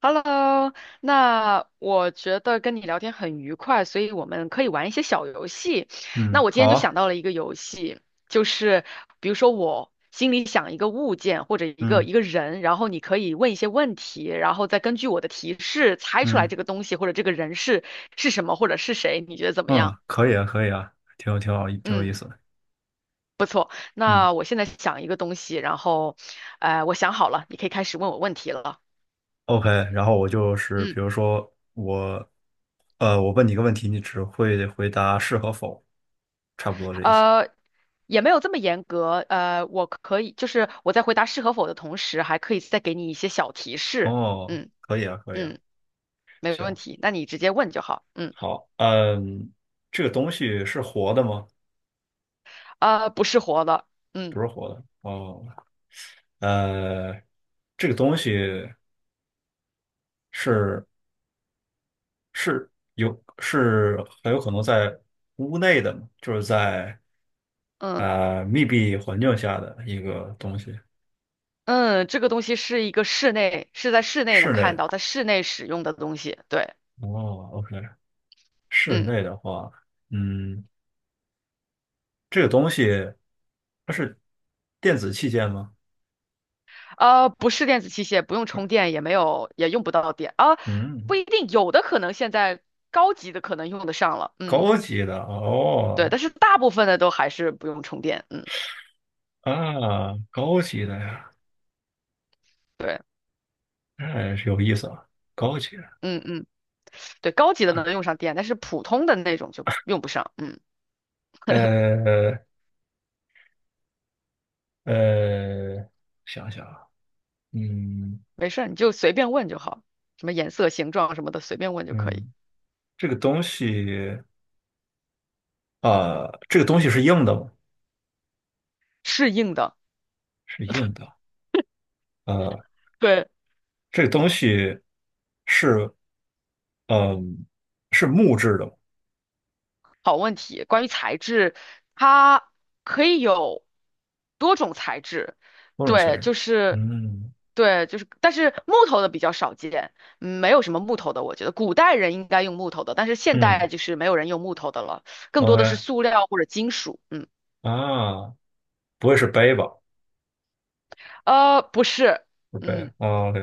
Hello，那我觉得跟你聊天很愉快，所以我们可以玩一些小游戏。那嗯，我今好天就想啊。到了一个游戏，就是比如说我心里想一个物件或者一个嗯一个人，然后你可以问一些问题，然后再根据我的提示猜出来嗯这个东西或者这个人是什么或者是谁，你觉得怎么嗯，样？可以啊，可以啊，挺好，挺有意嗯，思的。嗯那我现在想一个东西，然后，我想好了，你可以开始问我问题了。，OK，然后我就是嗯。比如说我问你一个问题，你只会回答是和否，差不多这意思。呃，也没有这么严格。我可以，就是我在回答是和否的同时，还可以再给你一些小提示。哦，嗯可以啊，可以啊，嗯，没问行，题，那你直接问就好。嗯，好，嗯，这个东西是活的吗？不是活的。嗯不是活的。哦，呃，这个东西是是有是很有可能在屋内的吗，就是在。嗯密闭环境下的一个东西，嗯，这个东西是一个室内，是在室内能室内看的。到，在室内使用的东西。对，哦，OK，室嗯，内的话，嗯，这个东西它是电子器件吗？不是电子器械，不用充电，也没有，也用不到电啊，嗯，不一定，有的可能现在高级的可能用得上了。嗯，高级的对，哦，但是大部分的都还是不用充电。嗯。啊，高级的呀，对，哎，有意思啊，高级的。嗯嗯，对，高级的能用上电，但是普通的那种就用不上。嗯，呃呃，想想啊，嗯没事儿，你就随便问就好，什么颜色、形状什么的，随便问就可以。嗯，这个东西啊，这个东西是硬的吗？适应的，是硬的。呃，对，这个东西是嗯，是木质的吗？好问题。关于材质，它可以有多种材质，某种材对，质。就是。嗯对，就是，但是木头的比较少见，嗯没有什么木头的，我觉得古代人应该用木头的，但是现嗯代就是没有人用木头的了，更多的是，OK 塑料或者金属，嗯，啊，不会是杯吧？不是，不是杯嗯。啊，OK，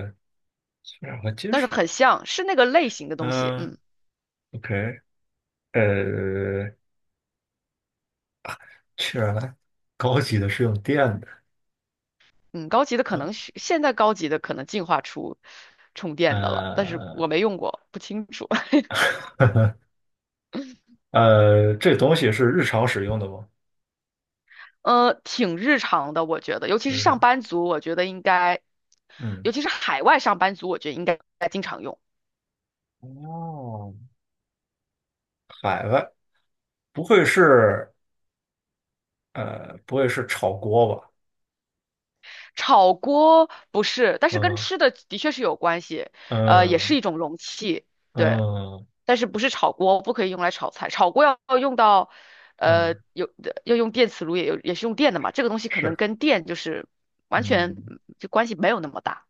氢氧和金但是属。很像，是那个类型的东西。嗯嗯，OK，呃，氢氧来，高级的是用电的。嗯，高级的可高能是现在高级的可能进化出充电的了，但是呃我没用过，不清楚。这东西是日常使用的吗？挺日常的，我觉得，尤其就是是上说班族，我觉得应该，嗯，尤其是海外上班族，我觉得应该经常用。哦，海外不会是不会是炒锅吧？炒锅不是，但是跟嗯吃的的确是有关系，也嗯是一种容器。对，嗯但是不是炒锅，不可以用来炒菜，炒锅要用到，呃，嗯，有要用电磁炉，也有也是用电的嘛，这个东西可能是，跟电就是完全嗯。嗯就关系没有那么大，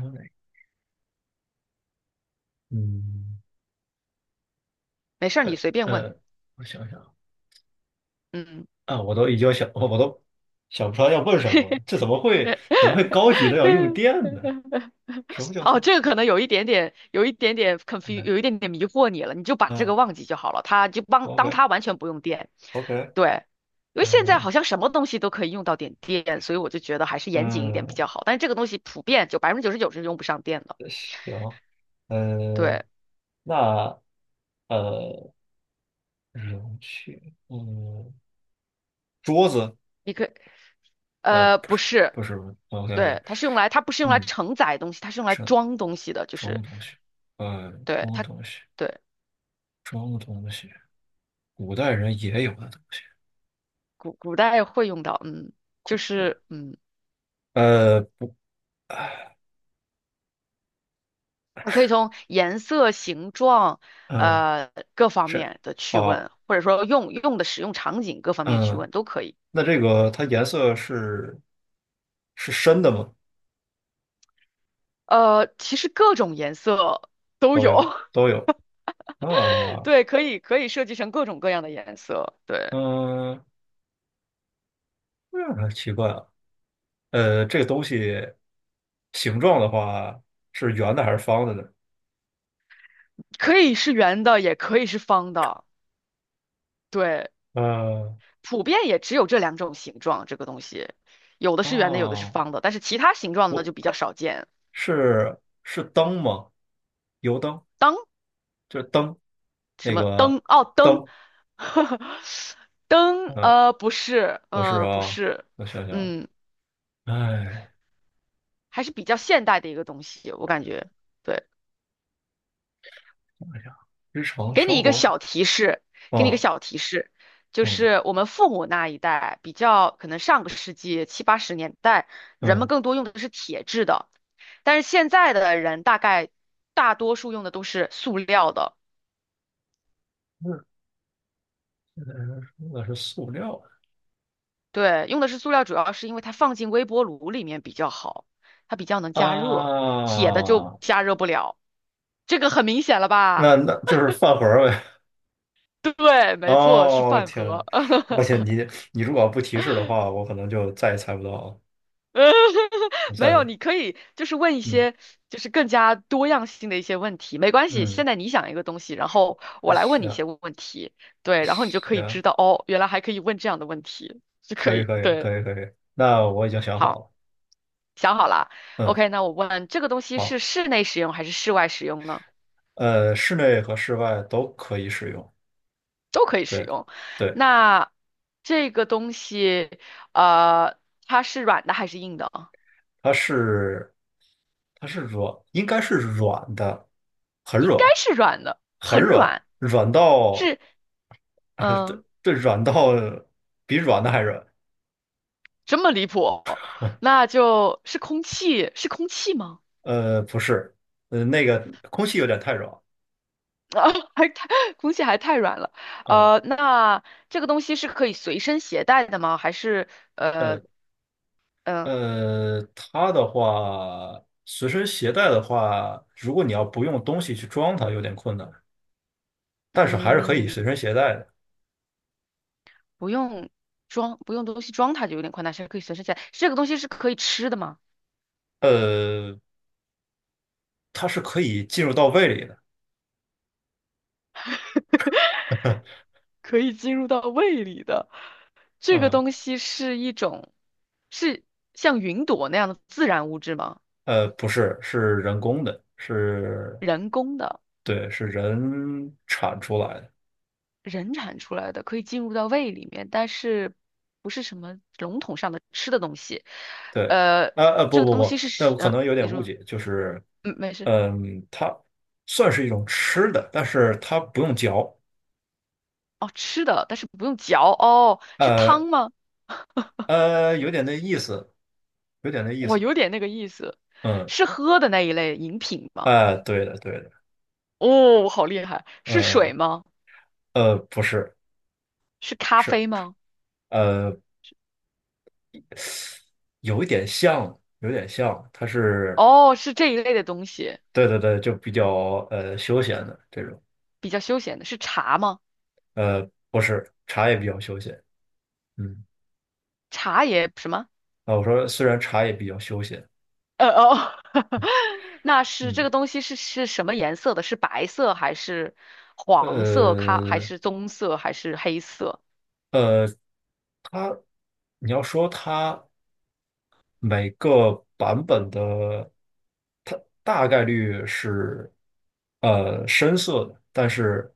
然后呢？嗯，没事儿你随便问，呃，我想想嗯，啊，我都想不出来要问什么了。这怎么会高级的要用 电呢？什么叫哦，做这个可能有一点点，有一点点 confu，s e 有一点点迷惑你了，你就把嗯这个啊忘记就好了，它就帮当，OK 它完全不用电，OK，对。因为现在哦，好像什么东西都可以用到点电，所以我就觉得还是严谨一点比嗯，较好。但是这个东西普遍就99%是用不上电的。行，对，呃，那呃，容器，嗯，桌子，一个呃，不是，不是不是，OK OK，对，它是用来它不是用来嗯，承载东西，它是用来什装东西的，就什么是东西？什对么它东西？对什么东西？古代人也有的东西。古代会用到，嗯，就是嗯，不，你可以从颜色、形状嗯，呃各方这面的去好，问，或者说用用的使用场景各方面去嗯，问都可以。那这个它颜色是深的吗？其实各种颜色都都有，有，都有 啊，对，可以可以设计成各种各样的颜色，对，嗯，那还奇怪啊，这个东西形状的话是圆的还是方的呢？可以是圆的，也可以是方的，对。呃，普遍也只有这两种形状，这个东西，有的是圆的，有的是啊，方的，但是其他形状的就不比较少见。是，是灯吗？油灯，灯就是灯，什那么个灯？哦，灯，灯，灯，嗯，不是，不是不啊，是，我想想，嗯，哎，还是比较现代的一个东西，我感觉。对，想想日常给你生一个活。小提示，给你一个哦，小提示，就嗯是我们父母那一代比较可能上个世纪70、80年代，人们嗯，更多用的是铁制的。但是现在的人大概大多数用的都是塑料的，那那是塑料对，用的是塑料，主要是因为它放进微波炉里面比较好，它比较能加热，铁的就啊，加热不了，这个很明显了吧？那就是饭盒儿呗。对，没错，是哦，饭天呐，盒。而且你如果不提示的话，我可能就再也猜不到了。我 没有，再你可以就是问一嗯些就是更加多样性的一些问题，没关系。现嗯，在你想一个东西，然后我来问你一行些问题，对，然后你就可以知行，道哦，原来还可以问这样的问题，就可可以以，可以对，可以可以，那我已经想好好。了。想好了嗯，，OK，那我问这个东西是好，室内使用还是室外使用呢？室内和室外都可以使用。都可以使对用。对。那这个东西，呃，它是软的还是硬的啊？它是它是软，应该是软的，很应该软，是软的，很很软，软。软到 是，对嗯，对，软到比软的还软。这么离谱？那就是空气，是空气吗？不是，那个空气有点太软，啊，还太，空气还太软了。嗯，呃，那这个东西是可以随身携带的吗？还是，呃，呃嗯、呃它的话，随身携带的话，如果你要不用东西去装它，有点困难，但是还是可以嗯。随身携带的。不用装，不用东西装它就有点宽大，是可以随身带。这个东西是可以吃的吗？呃，它是可以进入到胃里的，可以进入到胃里的。这个嗯。东西是一种，是像云朵那样的自然物质吗？不是，是人工的，是，人工的，对，是人产出来的。人产出来的，可以进入到胃里面，但是不是什么笼统上的吃的东西。对，呃，啊啊，这不个不东西不，是那食，我可能有你点误说，解，就是，嗯，没事。嗯，它算是一种吃的，但是它不用嚼，哦，吃的，但是不用嚼。哦，是汤呃吗？有点那意思，有点那意我思。有点那个意思。嗯，是喝的那一类饮品吗？哎、对的对的，哦，好厉害！是呃水吗？不是，是咖是啡吗？呃，有一点像，有点像，它是，哦，是这一类的东西，对对对，就比较休闲的这种，比较休闲的。是茶吗？呃，不是，茶也比较休闲。嗯，茶也什么？啊，我说虽然茶也比较休闲，哦，那是这嗯，个东西是什么颜色的？是白色还是黄色？咖还呃是棕色还是黑色？呃，它，你要说它每个版本的，它大概率是深色的，但是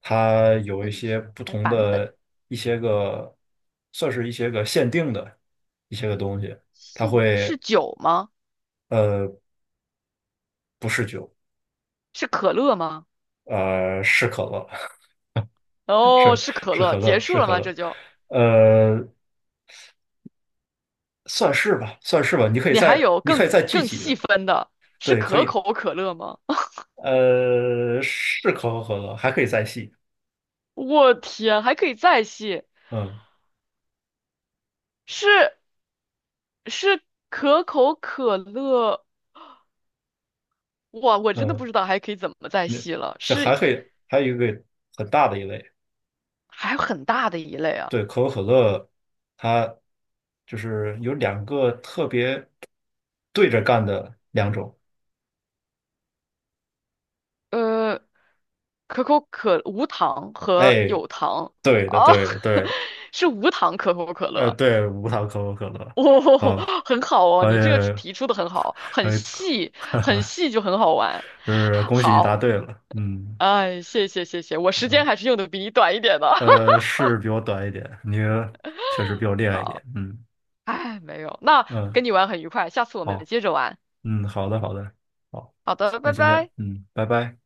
它有那一于些是不还同版本的一些个，算是一些个限定的一些个东西，它现是会酒吗？呃不是酒，是可乐吗？是可乐，哦，是是可是乐。可结乐，束是了可吗？这乐。就呃，算是吧，算是吧。你可以你还再，有你可以更再记更几细的，分的，是对，可可以。口可乐吗？是可口可乐，还可以再细。我天，还可以再细，嗯是是可口可乐，哇，我真的不嗯，知道还可以怎么再那细了，这还是可以，还有一个很大的一类，还有很大的一类啊，对，可口可乐，它就是有两个特别对着干的两种。呃，可口可无糖和哎，有糖对的，啊，对的，对的，是无糖可口可乐，对，无糖可口可乐。哦，啊，很好哦，可以，你这个提出的很好，很可以，细，很细就很好玩，就是恭喜你答好，对了。嗯。哎，谢谢，我时间呃还是用的比你短一点的，是比我短一点，你确实比 我厉害一点。好。嗯哎，没有，那嗯，跟你玩很愉快，下次我们好，接着玩。嗯，好的，好的，好，好的，那拜先这样，拜。嗯，拜拜。